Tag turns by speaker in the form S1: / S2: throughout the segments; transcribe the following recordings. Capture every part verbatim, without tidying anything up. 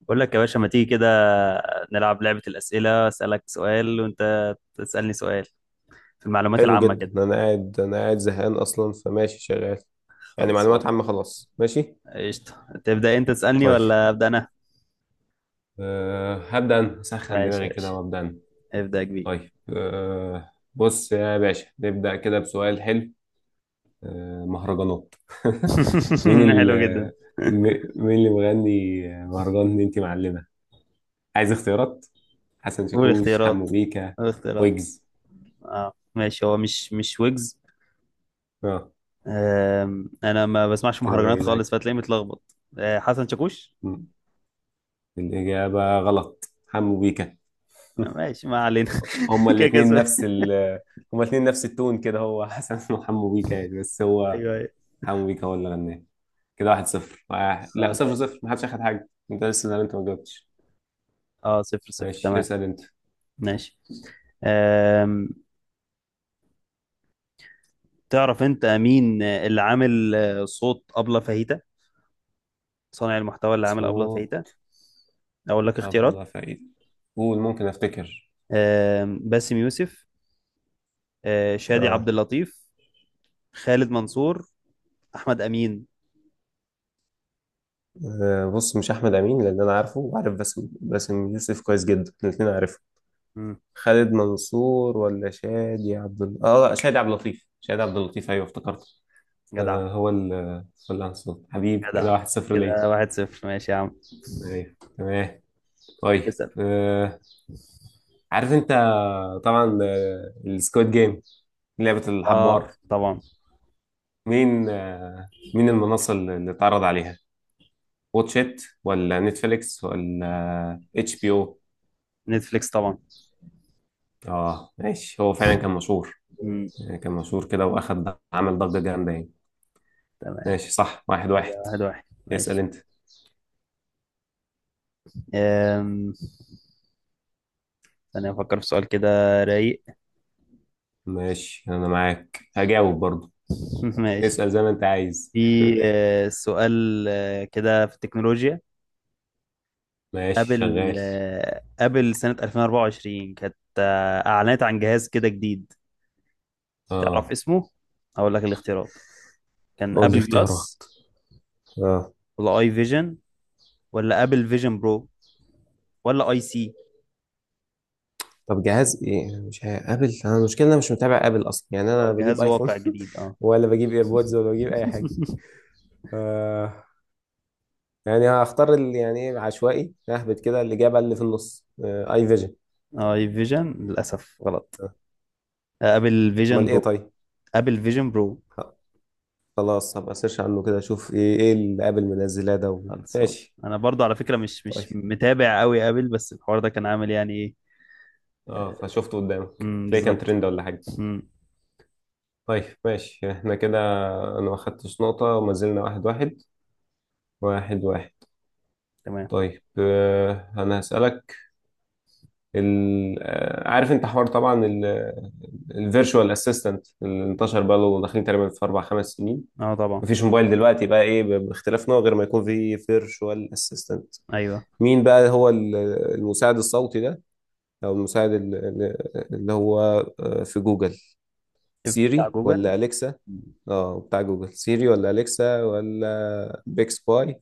S1: بقول لك يا باشا ما تيجي كده نلعب لعبة الأسئلة، أسألك سؤال وأنت تسألني سؤال في المعلومات
S2: حلو
S1: العامة كده.
S2: جدا، انا قاعد انا قاعد زهقان اصلا فماشي شغال. يعني معلومات
S1: خلصان.
S2: عامة، خلاص ماشي.
S1: قشطة، تبدأ أنت تسألني
S2: طيب،
S1: ولا أبدأ أنا؟
S2: أه هبدأ انا، اسخن
S1: ماشي
S2: دماغي
S1: يا
S2: كده
S1: باشا،
S2: وابدأ انا.
S1: ابدأ يا كبير.
S2: طيب، أه بص يا باشا، نبدأ كده بسؤال حلو. أه مهرجانات. مين ال
S1: حلو جدا.
S2: م- مين اللي مغني مهرجان اللي انت معلمة؟ عايز اختيارات: حسن
S1: قول
S2: شاكوش، حمو
S1: اختيارات،
S2: بيكا،
S1: قول اختيارات.
S2: ويجز.
S1: اه ماشي، هو مش مش ويجز.
S2: اه،
S1: آم، أنا ما بسمعش
S2: كده
S1: مهرجانات
S2: باين
S1: خالص
S2: لك.
S1: فتلاقيني متلخبط. آه، حسن شاكوش.
S2: م. الإجابة غلط، حمو بيكا.
S1: آه، ماشي ما علينا.
S2: هما
S1: كده كده
S2: الاثنين
S1: سؤال.
S2: نفس ال هما الاثنين نفس التون كده، هو حسن وحمو بيكا يعني، بس هو
S1: أيوه أيوه.
S2: حمو بيكا هو اللي غناه. كده واحد صفر واحد. لا، صفر
S1: خلاص،
S2: صفر، محدش اخد حاجة، انت لسه ده اللي انت ما جاوبتش.
S1: اه صفر صفر
S2: ماشي،
S1: تمام.
S2: اسأل انت.
S1: ماشي. آم، تعرف انت مين اللي عامل آه، صوت أبلة فاهيتا، صانع المحتوى اللي عامل أبلة فاهيتا؟
S2: صوت
S1: اقول لك اختيارات.
S2: أبلة فقير. قول ممكن افتكر.
S1: آم، باسم يوسف، آه، شادي عبد
S2: اه.
S1: اللطيف، خالد منصور، احمد امين.
S2: آه، بص، مش احمد امين، لان انا عارفه وعارف باسم باسم يوسف كويس جدا، الاثنين عارفه.
S1: مم.
S2: خالد منصور ولا شادي عبد ال... اه لا شادي عبد اللطيف. شادي عبد اللطيف، ايوه افتكرت.
S1: جدع.
S2: آه، هو ال هو الأنصار حبيب.
S1: جدع،
S2: كده واحد صفر ليا.
S1: كده واحد صفر، ماشي يا عم.
S2: أيوة تمام. طيب،
S1: اسال.
S2: آه، عارف أنت؟ طبعا آه، السكواد جيم، لعبة
S1: اه
S2: الحبار.
S1: طبعا،
S2: مين آه، مين المنصة اللي اللي اتعرض عليها؟ واتش إت، ولا نتفليكس، ولا اتش بي او؟
S1: نتفليكس طبعا.
S2: اه ماشي، هو فعلا كان مشهور.
S1: مم.
S2: يعني كان مشهور كده، واخد، عمل ضجة جامدة يعني.
S1: تمام،
S2: ماشي صح، واحد واحد.
S1: كده واحد واحد
S2: اسأل
S1: ماشي.
S2: انت.
S1: أم... ثانية أفكر في سؤال كده، رايق.
S2: ماشي، انا معاك هجاوب برضو.
S1: ماشي.
S2: اسأل زي ما انت عايز.
S1: في آه، سؤال آه، كده في التكنولوجيا،
S2: ماشي
S1: قبل
S2: شغال.
S1: آه، قبل سنة ألفين وأربعة وعشرين كانت آه، أعلنت عن جهاز كده جديد، تعرف
S2: اه.
S1: اسمه؟ أقول لك الاختيارات. كان
S2: قول لي
S1: أبل جلاس،
S2: اختيارات. اه.
S1: ولا أي فيجن، ولا أبل فيجن برو، ولا أي سي.
S2: طب جهاز ايه؟ مش عارف، ابل، انا المشكله إن انا مش متابع ابل اصلا. يعني
S1: هو
S2: انا بجيب
S1: جهاز
S2: ايفون
S1: واقع جديد اه.
S2: ولا بجيب ايربودز ولا بجيب اي حاجه. آه يعني هختار اللي يعني ايه، عشوائي، اهبط كده، الاجابه اللي في النص، آه اي فيجن.
S1: أي فيجن للأسف غلط.
S2: آه،
S1: آه، أبل فيجن
S2: امال ايه
S1: برو،
S2: طيب؟
S1: أبل فيجن برو.
S2: آه، خلاص، هبقى سيرش عنه كده، اشوف ايه ايه اللي ابل منزلاه ده و...
S1: خلصان.
S2: ماشي.
S1: أنا برضو على فكرة مش مش
S2: طيب
S1: متابع قوي أبل، بس الحوار ده كان عامل يعني إيه.
S2: اه، فشفته قدامك،
S1: أمم،
S2: تلاقي كان
S1: بالظبط.
S2: ترند ولا حاجه؟
S1: أمم،
S2: طيب ماشي، احنا كده انا ما خدتش نقطه، وما زلنا واحد واحد. واحد واحد.
S1: تمام.
S2: طيب، آه، انا هسألك. ال... آه، عارف انت حوار طبعا الفيرتشوال اسيستنت، اللي انتشر بقى له داخلين تقريبا في اربع خمس سنين.
S1: اه طبعا.
S2: مفيش موبايل دلوقتي بقى ايه ب- باختلاف نوع غير ما يكون فيه فيرتشوال اسيستنت.
S1: ايوه،
S2: مين بقى هو ال- المساعد الصوتي ده، او المساعد ال- ال- اللي هو آه، في جوجل؟
S1: شفت بتاع
S2: سيري ولا
S1: جوجل.
S2: اليكسا؟ اه، بتاع جوجل، سيري ولا اليكسا ولا بيكس باي؟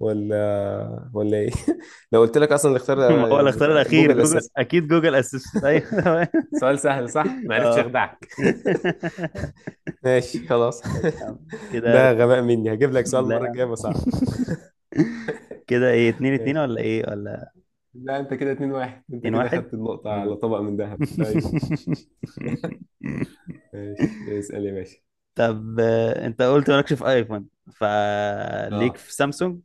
S2: ولا ولا ايه؟ لو قلت لك اصلا اللي اختار
S1: ما هو الاختيار
S2: بتاع
S1: الاخير
S2: جوجل
S1: جوجل،
S2: اساسا.
S1: اكيد جوجل اسيستنت، ايوه تمام.
S2: سؤال سهل صح، ما عرفتش
S1: اه.
S2: اخدعك. ماشي خلاص.
S1: ماشي يا عم، كده.
S2: ده غباء مني، هجيب لك سؤال
S1: لا
S2: المره
S1: يا
S2: الجايه بس
S1: عم.
S2: صعب.
S1: كده ايه، اتنين اتنين
S2: ماشي.
S1: ولا ايه ولا
S2: لا، انت كده اتنين واحد، انت
S1: اتنين
S2: كده
S1: واحد؟
S2: خدت النقطه على
S1: مم.
S2: طبق من ذهب، ايوه. ماشي، اسال يا باشا.
S1: طب آه، انت قلت مالكش في ايفون، فليك
S2: اه.
S1: في سامسونج.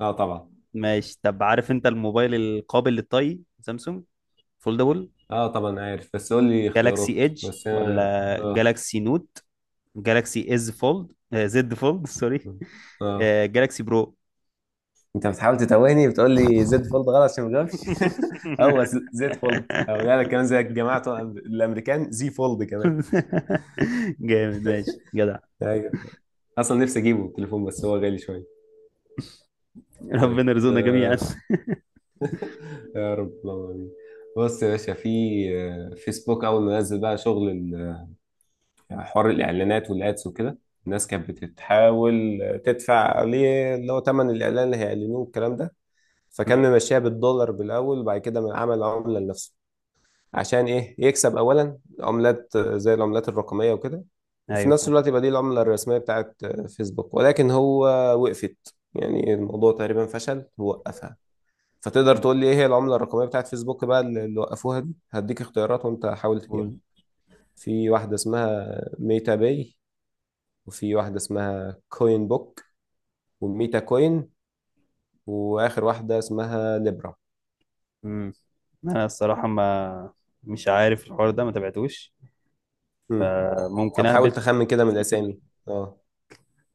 S2: اه طبعا.
S1: ماشي، طب عارف انت الموبايل القابل للطي سامسونج فولدبل؟
S2: اه طبعا عارف، بس قول لي
S1: جالاكسي
S2: اختيارات،
S1: ايدج
S2: بس انا.
S1: ولا
S2: اه.
S1: جالاكسي نوت، جالاكسي از فولد، آه، زد فولد سوري،
S2: اه،
S1: آه، جالاكسي برو.
S2: انت بتحاول تتوهني، بتقول لي زد فولد غلط عشان ما جاوبش. هو ز- زد فولد، او لا لا كمان زي الجماعه بتوع الامريكان زي فولد كمان.
S1: جامد ماشي جدع.
S2: ايوه. اصلا نفسي اجيبه التليفون بس هو غالي شويه.
S1: ربنا
S2: طيب
S1: يرزقنا جميعا.
S2: آه، يا رب، اللهم امين. بص يا باشا، في آه، فيسبوك، اول ما نزل بقى شغل ال- حوار الاعلانات والادس وكده، الناس كانت بتحاول تدفع عليه، اللي هو ثمن الاعلان اللي هيعلنوه الكلام ده. فكان
S1: مم.
S2: ممشيها بالدولار بالاول، وبعد كده من عمل عمله لنفسه، عشان ايه؟ يكسب اولا عملات آه، زي العملات الرقميه وكده، وفي
S1: ايوه.
S2: نفس الوقت يبقى دي العمله الرسميه بتاعت آه، فيسبوك. ولكن هو وقفت، يعني الموضوع تقريبا فشل ووقفها. فتقدر تقول لي ايه هي العمله الرقميه بتاعت فيسبوك بقى، اللي اللي وقفوها دي؟ هديك اختيارات وانت حاول تجاوب.
S1: قول.
S2: في واحده اسمها ميتا باي، وفي واحده اسمها كوين بوك، وميتا كوين، واخر واحده اسمها ليبرا.
S1: مم. انا الصراحه ما، مش عارف الحوار ده ما تابعتوش،
S2: مم.
S1: فممكن
S2: طب حاول
S1: اهبط.
S2: تخمن كده من
S1: اسم ال-
S2: الاسامي. اه،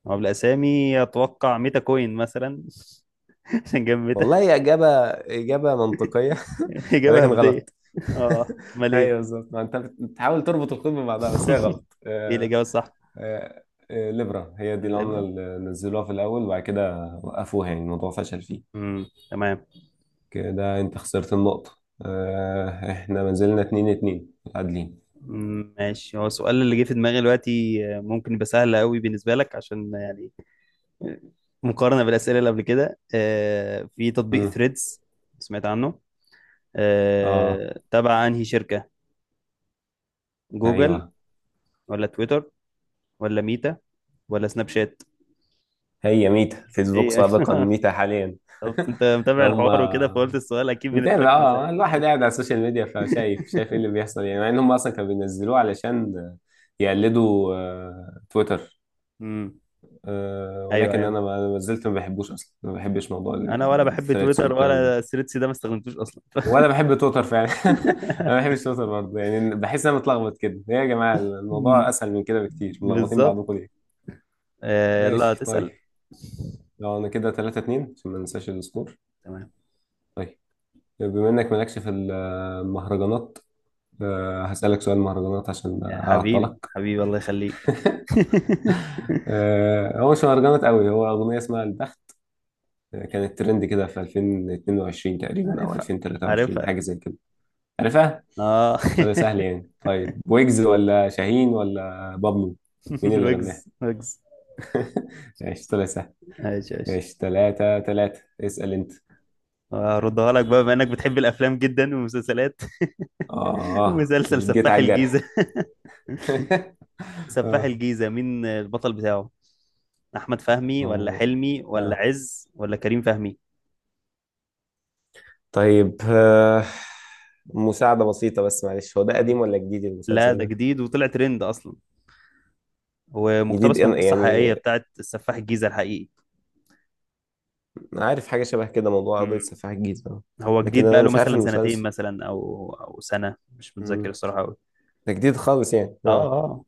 S1: هو بالاسامي اتوقع ميتا كوين مثلا، عشان جنب ميتا.
S2: والله هي إجابة إجابة منطقية.
S1: اجابه
S2: ولكن
S1: هبديه.
S2: غلط.
S1: اه امال ايه.
S2: ايوه بالظبط، ما انت بتحاول تربط الخيط ببعضها، بس هي غلط.
S1: ايه
S2: آه،
S1: الاجابه الصح؟
S2: آه، آه، ليبرا هي دي العملة
S1: الابره.
S2: اللي نزلوها في الأول، وبعد كده وقفوها، يعني الموضوع فشل فيه.
S1: امم تمام.
S2: كده أنت خسرت النقطة. آه، إحنا ما زلنا اتنين اتنين، متعادلين.
S1: مم، ماشي. هو السؤال اللي جه في دماغي دلوقتي آه، ممكن يبقى سهل قوي بالنسبه لك، عشان يعني مقارنه بالاسئله اللي قبل كده. آه، في تطبيق
S2: مم.
S1: ثريدز سمعت عنه،
S2: آه
S1: آه، تبع انهي شركه؟ جوجل
S2: أيوه،
S1: ولا تويتر ولا ميتا ولا سناب شات؟
S2: هي ميتا،
S1: ايه
S2: فيسبوك
S1: يعني.
S2: سابقا، ميتا حاليا.
S1: طب انت متابع
S2: هم.
S1: الحوار وكده، فقلت السؤال اكيد بالنسبه لك
S2: متابع
S1: هيبقى سهل.
S2: اه، الواحد قاعد على السوشيال ميديا، فشايف، شايف ايه اللي بيحصل يعني. مع ان هم اصلا كانوا بينزلوه علشان يقلدوا آه، تويتر،
S1: امم.
S2: آه،
S1: ايوه
S2: ولكن
S1: ايوه،
S2: انا ما ما زلت ما بحبوش اصلا، ما بحبش موضوع ال-
S1: انا ولا
S2: ال-
S1: بحب
S2: الثريدز
S1: تويتر
S2: والكلام ده.
S1: ولا ثريدز ده ما استخدمتوش اصلا.
S2: ولا بحب تويتر فعلا. انا ما بحبش تويتر برضه يعني، بحس ان انا متلخبط كده. إيه يا جماعه؟ الموضوع
S1: مم.
S2: اسهل من كده بكتير، ملخبطين
S1: بالظبط.
S2: بعضكم ليه؟
S1: آه، يلا
S2: ماشي
S1: تسأل.
S2: طيب، لو انا كده تلاتة اتنين، عشان ما ننساش السكور.
S1: تمام.
S2: طيب، بما انك مالكش في المهرجانات، أه هسألك سؤال مهرجانات عشان
S1: يا حبيبي،
S2: أعطلك.
S1: حبيبي الله يخليك.
S2: أه هو مش مهرجانات قوي، هو أغنية اسمها البخت. آه، كانت ترند كده في ألفين واتنين وعشرين تقريبا أو
S1: عارفها،
S2: ألفين وتلاتة وعشرين،
S1: عارفها.
S2: حاجة زي كده. عارفها؟
S1: اه.
S2: طريقة سهل يعني، طيب، ويجز ولا شاهين ولا بابلو؟ مين اللي غناها؟
S1: ويجز ويجز.
S2: ماشي طلع سهل.
S1: ايش ايش.
S2: ماشي تلاتة تلاتة، اسأل أنت.
S1: هردها لك بقى، بما انك بتحب الافلام جدا والمسلسلات.
S2: آه
S1: مسلسل
S2: جيت
S1: سفاح
S2: على الجرح.
S1: الجيزة. سفاح
S2: آه
S1: الجيزة مين البطل بتاعه؟ احمد فهمي ولا
S2: هو-
S1: حلمي ولا
S2: آه
S1: عز ولا كريم فهمي؟
S2: طيب آه، مساعدة بسيطة بس معلش، هو ده قديم
S1: مم.
S2: ولا جديد
S1: لا
S2: المسلسل
S1: ده
S2: ده؟
S1: جديد وطلع ترند اصلا،
S2: جديد
S1: ومقتبس من
S2: أنا-
S1: قصة حقيقية
S2: يعني
S1: بتاعت السفاح الجيزة الحقيقي.
S2: أنا عارف حاجة شبه كده، موضوع قضية
S1: مم.
S2: سفاح الجيزة ده.
S1: هو
S2: لكن
S1: جديد
S2: أنا
S1: بقاله
S2: مش عارف
S1: مثلا سنتين
S2: المسلسل.
S1: مثلا، او او سنة، مش متذكر
S2: مم.
S1: الصراحة قوي.
S2: ده جديد خالص يعني،
S1: اه
S2: اه.
S1: اه.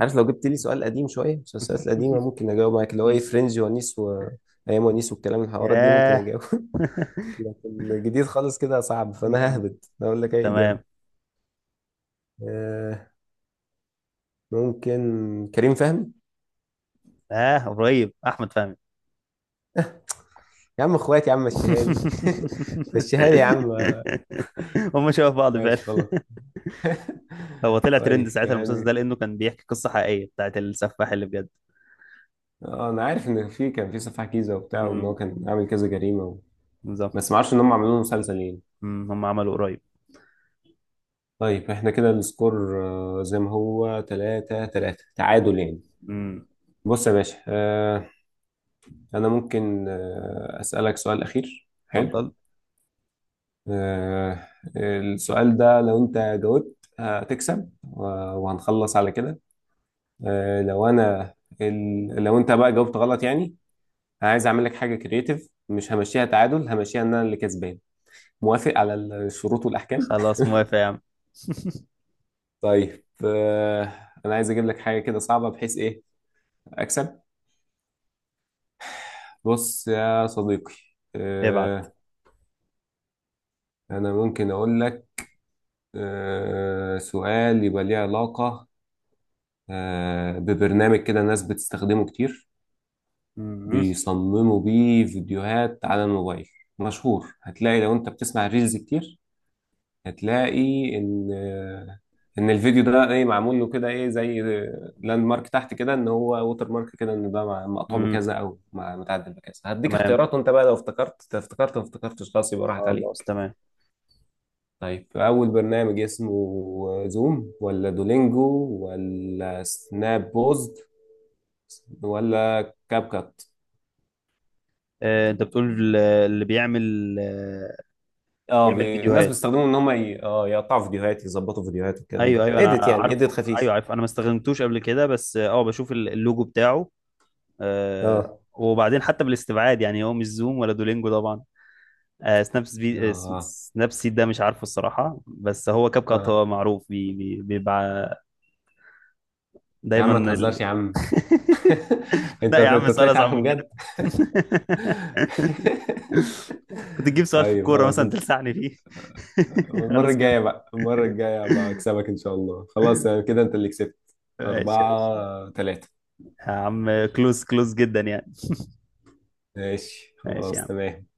S2: عارف، لو جبت لي سؤال قديم شوية، المسلسلات القديمة ممكن أجاوب معاك، اللي هو إيه،
S1: مم.
S2: فرنج ونيس وأيام ونيس والكلام، الحوارات دي ممكن
S1: ياه.
S2: أجاوب. لكن جديد خالص كده صعب، فأنا
S1: مم.
S2: ههبط أقول لك أي إجابة.
S1: تمام.
S2: آه ممكن كريم فهمي.
S1: اه قريب، احمد فهمي.
S2: يا عم إخواتي يا عم، مشيها لي. مشيها لي يا عم. آه،
S1: هم شبه بعض فعلا.
S2: ماشي خلاص.
S1: هو طلع ترند
S2: طيب
S1: ساعتها المسلسل ده،
S2: يعني،
S1: لانه كان بيحكي قصة حقيقية بتاعت السفاح اللي بجد.
S2: اه، انا عارف ان في، كان في سفاح جيزه وبتاع، وان هو
S1: مم.
S2: كان عامل كذا جريمه و...
S1: بالظبط.
S2: بس ما اعرفش ان هم عملوا له مسلسل يعني.
S1: مم. هم عملوا قريب.
S2: طيب احنا كده السكور آه، زي ما هو تلاتة تلاتة، تعادل يعني.
S1: مم.
S2: بص يا باشا، آه، انا ممكن آه، اسالك سؤال اخير حلو.
S1: اتفضل.
S2: آه، السؤال ده لو انت جاوبت هتكسب، و- وهنخلص على كده. آه، لو انا، ال... لو انت بقى جاوبت غلط يعني، عايز اعمل لك حاجه كرييتيف، مش همشيها تعادل، همشيها ان انا اللي كسبان. موافق على الشروط والاحكام؟
S1: خلاص موافق يا عم.
S2: طيب آه، انا عايز اجيب لك حاجه كده صعبه، بحيث ايه اكسب. بص يا صديقي،
S1: ابعت.
S2: آه، انا ممكن اقول لك آه، سؤال يبقى ليه علاقه آه، ببرنامج كده ناس بتستخدمه كتير،
S1: مم.
S2: بيصمموا بيه فيديوهات على الموبايل، مشهور. هتلاقي لو انت بتسمع ريلز كتير، هتلاقي ان ان الفيديو ده ايه، معمول له كده ايه، زي لاند مارك تحت كده، ان هو ووتر مارك كده، ان ده مع- مقطوع
S1: مم.
S2: بكذا او مع- متعدل بكذا. هديك
S1: تمام.
S2: اختيارات وانت بقى لو افتكرت افتكرت، ما افتكرتش خلاص يبقى راحت
S1: خلاص
S2: عليك.
S1: تمام.
S2: طيب، اول برنامج اسمه زوم، ولا دولينجو، ولا سناب بوزد، ولا كاب كات؟
S1: آه، انت بتقول اللي بيعمل آه،
S2: اه،
S1: بيعمل
S2: بي... الناس
S1: فيديوهات.
S2: بيستخدموا ان هم ي... اه يقطعوا فيديوهات، يظبطوا فيديوهات والكلام
S1: ايوه ايوه
S2: ده،
S1: انا
S2: اديت يعني، اديت
S1: عارفه، ايوه
S2: خفيف.
S1: عارف، انا ما استخدمتوش قبل كده، بس اه بشوف ال- اللوجو بتاعه. آه،
S2: اه.
S1: وبعدين حتى بالاستبعاد يعني هو مش زوم ولا دولينجو طبعا. آه، سناب سبي... آه،
S2: اه.
S1: س- سناب سيد ده مش عارفه الصراحه، بس هو كاب كات
S2: اه،
S1: هو معروف بي... بي... بيبقى
S2: يا
S1: دايما
S2: عم ما تهزرش
S1: ال...
S2: يا عم. انت
S1: لا يا عم،
S2: انت
S1: سؤال
S2: طلعت
S1: اصعب
S2: عارفه
S1: من كده.
S2: بجد.
S1: كنت تجيب سؤال في
S2: طيب
S1: الكوره
S2: خلاص
S1: مثلا
S2: انت.
S1: تلسعني فيه.
S2: المرة
S1: خلاص كده.
S2: الجاية بقى، المرة الجاية بقى اكسبك ان شاء الله. خلاص يعني كده انت اللي كسبت.
S1: ماشي يا باشا.
S2: أربعة تلاتة.
S1: يا عم كلوز، كلوز جدا يعني.
S2: ماشي
S1: ماشي يا
S2: خلاص
S1: عم.
S2: تمام.